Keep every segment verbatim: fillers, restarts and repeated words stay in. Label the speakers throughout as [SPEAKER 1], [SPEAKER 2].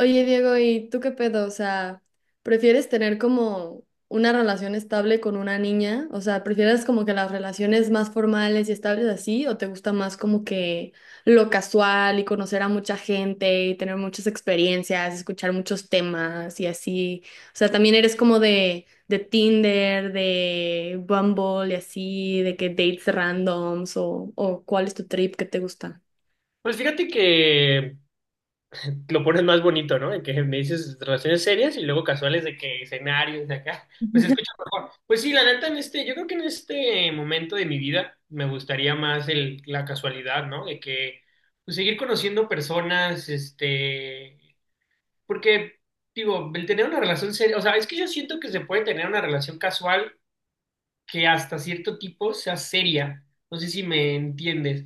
[SPEAKER 1] Oye, Diego, ¿y tú qué pedo? O sea, ¿prefieres tener como una relación estable con una niña? O sea, ¿prefieres como que las relaciones más formales y estables así? ¿O te gusta más como que lo casual y conocer a mucha gente y tener muchas experiencias, escuchar muchos temas y así? O sea, también eres como de, de Tinder, de Bumble y así, de que dates randoms o, o ¿cuál es tu trip que te gusta?
[SPEAKER 2] Pues fíjate que lo pones más bonito, ¿no? En que me dices relaciones serias y luego casuales de que escenarios de acá, pues se escucha mejor. Pues sí, la neta, en este, yo creo que en este momento de mi vida me gustaría más el, la casualidad, ¿no? De que pues, seguir conociendo personas, este, porque digo, el tener una relación seria, o sea, es que yo siento que se puede tener una relación casual que hasta cierto tipo sea seria. No sé si me entiendes.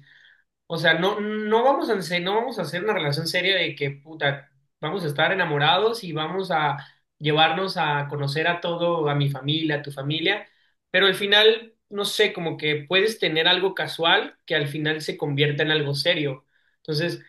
[SPEAKER 2] O sea, no, no vamos a, hacer- no vamos a hacer una relación seria de que, puta, vamos a estar enamorados y vamos a llevarnos a conocer a todo, a mi familia, a tu familia, pero al final, no sé, como que puedes tener algo casual que al final se convierta en algo serio. Entonces,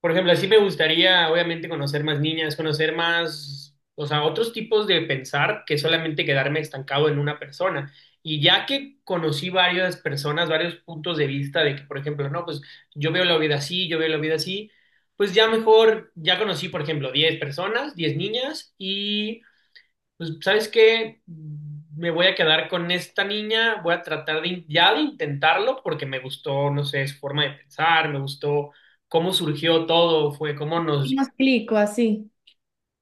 [SPEAKER 2] por ejemplo, así me gustaría, obviamente, conocer más niñas, conocer más, o sea, otros tipos de pensar que solamente quedarme estancado en una persona. Y ya que conocí varias personas, varios puntos de vista de que, por ejemplo, no, pues yo veo la vida así, yo veo la vida así, pues ya mejor, ya conocí, por ejemplo, diez personas, diez niñas, y pues, ¿sabes qué? Me voy a quedar con esta niña, voy a tratar de in- ya de intentarlo porque me gustó, no sé, su forma de pensar, me gustó cómo surgió todo, fue cómo nos,
[SPEAKER 1] Me explico así.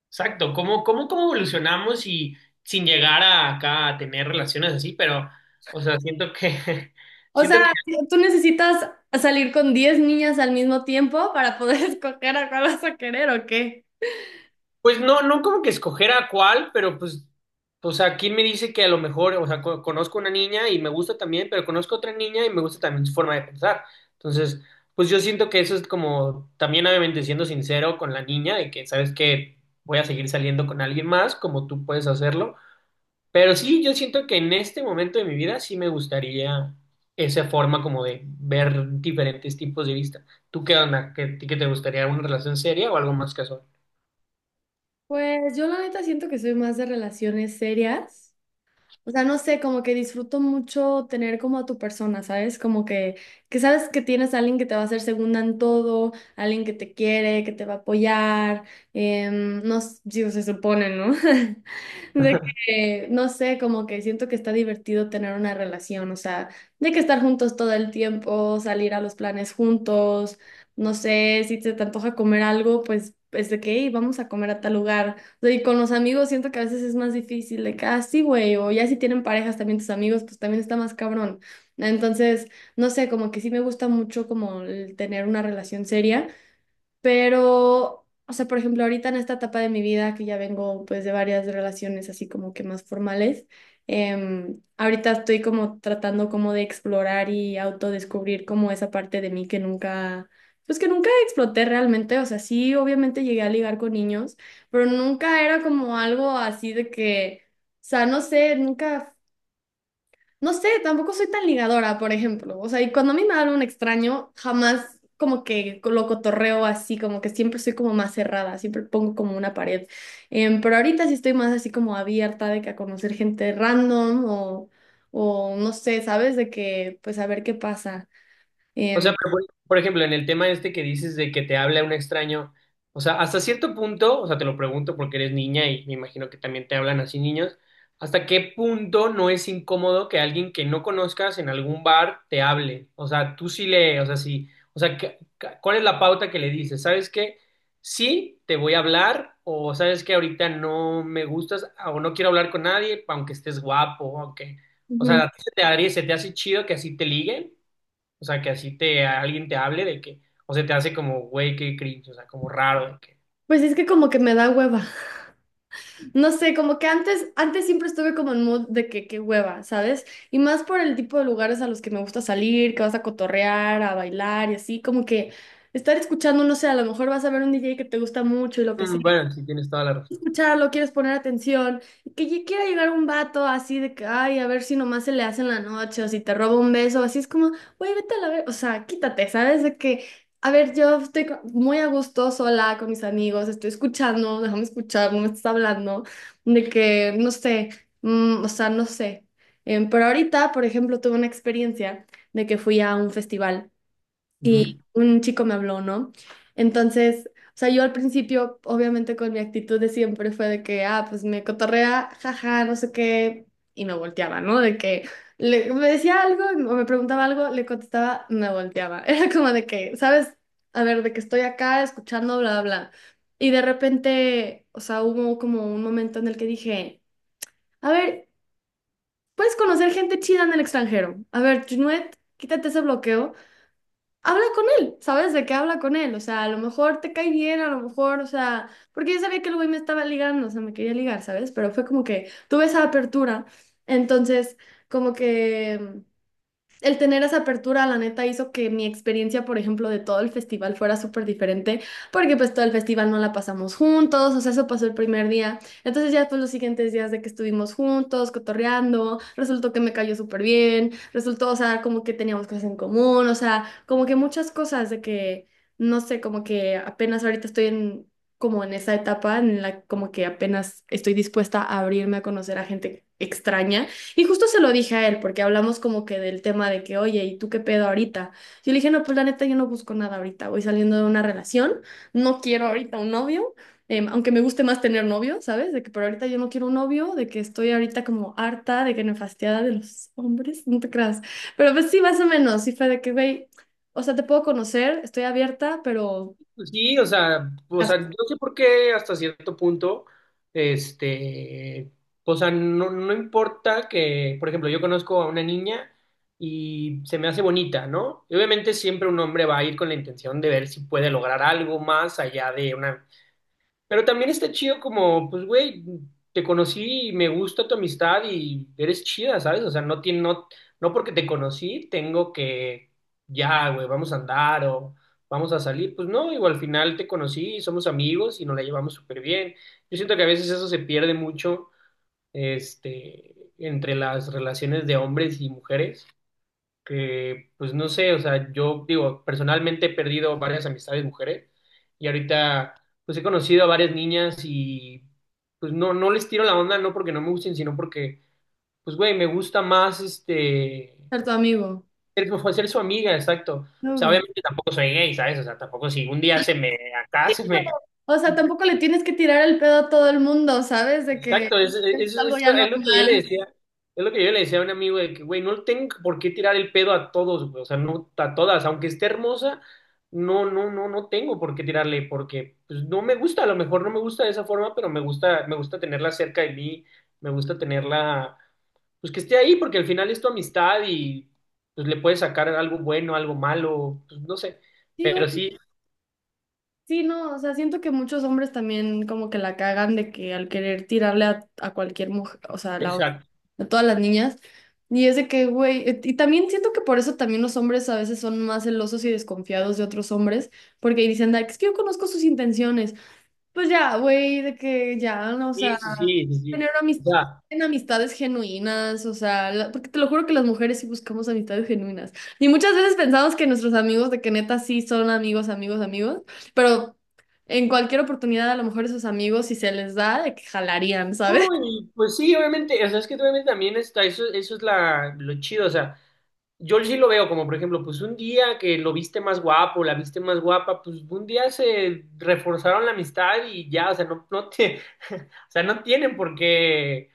[SPEAKER 2] exacto, cómo, cómo, cómo evolucionamos y sin llegar a acá a tener relaciones así, pero, o sea, siento que,
[SPEAKER 1] O
[SPEAKER 2] siento
[SPEAKER 1] sea,
[SPEAKER 2] que
[SPEAKER 1] si tú necesitas salir con diez niñas al mismo tiempo para poder escoger a cuál vas a querer o qué.
[SPEAKER 2] pues no, no como que escoger a cuál, pero pues, o sea, ¿quién me dice que a lo mejor, o sea, co- conozco una niña y me gusta también, pero conozco otra niña y me gusta también su forma de pensar? Entonces, pues yo siento que eso es como, también obviamente siendo sincero con la niña, de que sabes que voy a seguir saliendo con alguien más, como tú puedes hacerlo. Pero sí, yo siento que en este momento de mi vida sí me gustaría esa forma como de ver diferentes tipos de vista. ¿Tú qué onda? ¿Qué, qué te gustaría? ¿Una relación seria o algo más casual?
[SPEAKER 1] Pues yo la neta siento que soy más de relaciones serias. O sea, no sé, como que disfruto mucho tener como a tu persona, ¿sabes? Como que, que sabes que tienes a alguien que te va a hacer segunda en todo, alguien que te quiere, que te va a apoyar, em, no, s- digo, se supone, ¿no? De que, no sé, como que siento que está divertido tener una relación, o sea, de que estar juntos todo el tiempo, salir a los planes juntos, no sé, si se te antoja comer algo, pues es de que, "Ey, vamos a comer a tal lugar sea, y con los amigos siento que a veces es más difícil de que, ah, sí, güey, o ya si tienen parejas también tus amigos, pues también está más cabrón. Entonces, no sé, como que sí me gusta mucho como el tener una relación seria. Pero, o sea, por ejemplo, ahorita en esta etapa de mi vida, que ya vengo pues de varias relaciones así como que más formales, em, ahorita estoy como tratando como de explorar y autodescubrir como esa parte de mí que nunca, pues que nunca exploté realmente, o sea, sí, obviamente llegué a ligar con niños, pero nunca era como algo así de que, o sea, no sé, nunca... No sé, tampoco soy tan ligadora, por ejemplo. O sea, y cuando a mí me habla un extraño, jamás como que lo cotorreo así, como que siempre soy como más cerrada, siempre pongo como una pared. Em, pero ahorita sí estoy más así como abierta de que a conocer gente random o, o no sé, ¿sabes? De que pues a ver qué pasa.
[SPEAKER 2] O sea,
[SPEAKER 1] Em,
[SPEAKER 2] pero por, por ejemplo, en el tema este que dices de que te habla un extraño, o sea, hasta cierto punto, o sea, te lo pregunto porque eres niña y me imagino que también te hablan así niños, ¿hasta qué punto no es incómodo que alguien que no conozcas en algún bar te hable? O sea, tú sí le, o sea, sí, o sea, ¿qué- qué- ¿cuál es la pauta que le dices? ¿Sabes qué? Sí, te voy a hablar, o sabes que ahorita no me gustas o no quiero hablar con nadie, aunque estés guapo, aunque, o sea,
[SPEAKER 1] Ujú.
[SPEAKER 2] ¿a ti se te haría- ¿se te hace chido que así te liguen? O sea, que así te alguien te hable de que, o se te hace como, güey, qué cringe, o sea, como raro de que.
[SPEAKER 1] Pues es que como que me da hueva. No sé, como que antes, antes siempre estuve como en mood de que qué hueva, ¿sabes? Y más por el tipo de lugares a los que me gusta salir, que vas a cotorrear, a bailar y así, como que estar escuchando, no sé, a lo mejor vas a ver un D J que te gusta mucho y lo que sea
[SPEAKER 2] "Mm, bueno, sí tienes toda la razón.
[SPEAKER 1] escucharlo, quieres poner atención, y que ya quiera llegar un vato así de que, ay, a ver si nomás se le hace en la noche o si te roba un beso, así es como, güey, vete a la ver, o sea, quítate, ¿sabes? De que, a ver, yo estoy co- muy a gusto sola con mis amigos, estoy escuchando, déjame escuchar, no me estás hablando, de que, no sé, mm, o sea, no sé. Em, pero ahorita, por ejemplo, tuve una experiencia de que fui a un festival.
[SPEAKER 2] Ujú.
[SPEAKER 1] Y un chico me habló, ¿no? Entonces, o sea, yo al principio, obviamente con mi actitud de siempre fue de que, ah, pues me cotorrea, jaja, no sé qué, y me volteaba, ¿no? De que le- me decía algo o me preguntaba algo, le contestaba, me volteaba. Era como de que, ¿sabes? A ver, de que estoy acá escuchando, bla, bla. Bla. Y de repente, o sea, hubo como un momento en el que dije, a ver, puedes conocer gente chida en el extranjero. A ver, Junuet, quítate ese bloqueo habla con él, ¿sabes? De qué habla con él, o sea, a lo mejor te cae bien, a lo mejor, o sea, porque yo sabía que el güey me estaba ligando, o sea, me quería ligar, ¿sabes? Pero fue como que tuve esa apertura, entonces, como que... El tener esa apertura, la neta, hizo que mi experiencia, por ejemplo, de todo el festival fuera súper diferente, porque pues todo el festival no la pasamos juntos, o sea, eso pasó el primer día. Entonces ya pues los siguientes días de que estuvimos juntos, cotorreando, resultó que me cayó súper bien, resultó, o sea, como que teníamos cosas en común, o sea, como que muchas cosas de que, no sé, como que apenas ahorita estoy en, como en esa etapa en la como que apenas estoy dispuesta a abrirme a conocer a gente extraña. Y justo se lo dije a él, porque hablamos como que del tema de que, oye, ¿y tú qué pedo ahorita? Yo le dije, no, pues la neta, yo no busco nada ahorita, voy saliendo de una relación, no quiero ahorita un novio, em, aunque me guste más tener novio, ¿sabes? De que, pero ahorita yo no quiero un novio, de que estoy ahorita como harta, de que me nefastiada de los hombres, no te creas. Pero pues sí, más o menos, sí fue de que, güey, o sea, te puedo conocer, estoy abierta, pero
[SPEAKER 2] Sí, o sea, o sea,
[SPEAKER 1] caso
[SPEAKER 2] no sé por qué hasta cierto punto, este, o sea, no, no importa que, por ejemplo, yo conozco a una niña y se me hace bonita, ¿no? Y obviamente siempre un hombre va a ir con la intención de ver si puede lograr algo más allá de una. Pero también está chido como, pues, güey, te conocí y me gusta tu amistad y eres chida, ¿sabes? O sea, no tiene, no, no porque te conocí tengo que, ya, güey, vamos a andar o vamos a salir. Pues no, igual al final te conocí, somos amigos y nos la llevamos súper bien. Yo siento que a veces eso se pierde mucho, este, entre las relaciones de hombres y mujeres que pues no sé, o sea, yo digo, personalmente he perdido varias amistades mujeres y ahorita pues he conocido a varias niñas y pues no, no les tiro la onda, no porque no me gusten, sino porque pues güey, me gusta más este,
[SPEAKER 1] ser tu amigo,
[SPEAKER 2] ser, ser su amiga, exacto. O sea,
[SPEAKER 1] novio.
[SPEAKER 2] obviamente tampoco soy gay, ¿sabes? O sea, tampoco si un día se me, acá
[SPEAKER 1] Sí,
[SPEAKER 2] se
[SPEAKER 1] pero,
[SPEAKER 2] me,
[SPEAKER 1] o sea, tampoco le tienes que tirar el pedo a todo el mundo, ¿sabes? De que
[SPEAKER 2] exacto, es,
[SPEAKER 1] es
[SPEAKER 2] es,
[SPEAKER 1] algo
[SPEAKER 2] es
[SPEAKER 1] ya
[SPEAKER 2] lo, es lo que yo le
[SPEAKER 1] normal.
[SPEAKER 2] decía, es lo que yo le decía a un amigo de que, güey, no tengo por qué tirar el pedo a todos, güey, o sea, no a todas, aunque esté hermosa, no, no, no, no tengo por qué tirarle, porque pues, no me gusta, a lo mejor no me gusta de esa forma, pero me gusta, me gusta tenerla cerca de mí, me gusta tenerla, pues que esté ahí, porque al final es tu amistad y pues le puedes sacar algo bueno, algo malo, pues no sé,
[SPEAKER 1] Sí, o-
[SPEAKER 2] pero sí,
[SPEAKER 1] sí, no, o sea, siento que muchos hombres también como que la cagan de que al querer tirarle a, a cualquier mujer, o sea, a, la-
[SPEAKER 2] exacto,
[SPEAKER 1] a todas las niñas, y es de que, güey, eh, y también siento que por eso también los hombres a veces son más celosos y desconfiados de otros hombres, porque dicen, "Ay, es que yo conozco sus intenciones, pues ya, güey, de que ya, no, o
[SPEAKER 2] sí,
[SPEAKER 1] sea,
[SPEAKER 2] sí, sí, sí, sí.
[SPEAKER 1] tener amis-
[SPEAKER 2] O sea,
[SPEAKER 1] en amistades genuinas, o sea, la- porque te lo juro que las mujeres sí buscamos amistades genuinas. Y muchas veces pensamos que nuestros amigos, de que neta sí son amigos, amigos, amigos, pero en cualquier oportunidad a lo mejor esos amigos, si se les da, de que jalarían, ¿sabes?
[SPEAKER 2] no, y pues sí, obviamente, o sea, es que obviamente también está, eso, eso es la, lo chido, o sea, yo sí lo veo como, por ejemplo, pues un día que lo viste más guapo, la viste más guapa, pues un día se reforzaron la amistad y ya, o sea, no, no te, o sea, no tienen por qué,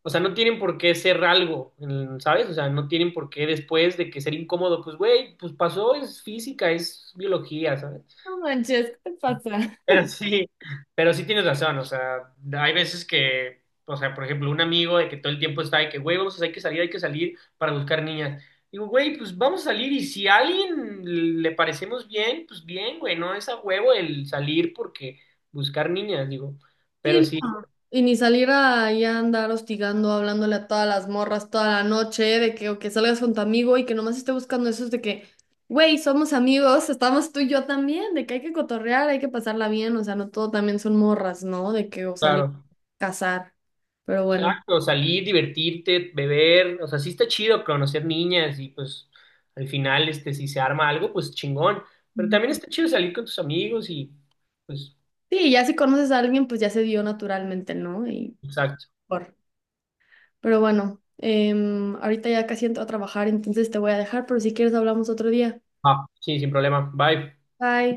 [SPEAKER 2] o sea, no tienen por qué ser algo, mm, ¿sabes? O sea, no tienen por qué después de que ser incómodo, pues güey, pues pasó, es física, es biología, sabes
[SPEAKER 1] No manches, ¿qué te pasa?
[SPEAKER 2] pero sí, pero sí tienes razón, o sea, hay veces que, o sea, por ejemplo, un amigo de que todo el tiempo está de que, güey, vamos, hay que salir, hay que salir para buscar niñas. Digo, güey, pues vamos a salir y si a alguien le parecemos bien, pues bien, güey, no es a huevo el salir porque buscar niñas, digo, pero
[SPEAKER 1] Sí,
[SPEAKER 2] sí,
[SPEAKER 1] no. Y ni salir ahí a andar hostigando, hablándole a todas las morras toda la noche, de que, o que salgas con tu amigo y que nomás esté buscando eso, es de que, güey, somos amigos, estamos tú y yo también, de que hay que cotorrear, hay que pasarla bien, o sea, no todo también son morras, ¿no? De que o salir
[SPEAKER 2] claro,
[SPEAKER 1] a cazar, pero bueno.
[SPEAKER 2] exacto, salir, divertirte, beber, o sea, sí está chido conocer niñas y pues al final, este, si se arma algo, pues chingón, pero
[SPEAKER 1] Ujú.
[SPEAKER 2] también está chido salir con tus amigos y pues...
[SPEAKER 1] Sí, ya si conoces a alguien, pues ya se dio naturalmente, ¿no? Y
[SPEAKER 2] Exacto.
[SPEAKER 1] por. Pero bueno, em, ahorita ya casi entro a trabajar, entonces te voy a dejar, pero si quieres hablamos otro día.
[SPEAKER 2] Ah, sí, sin problema. Bye.
[SPEAKER 1] Bye.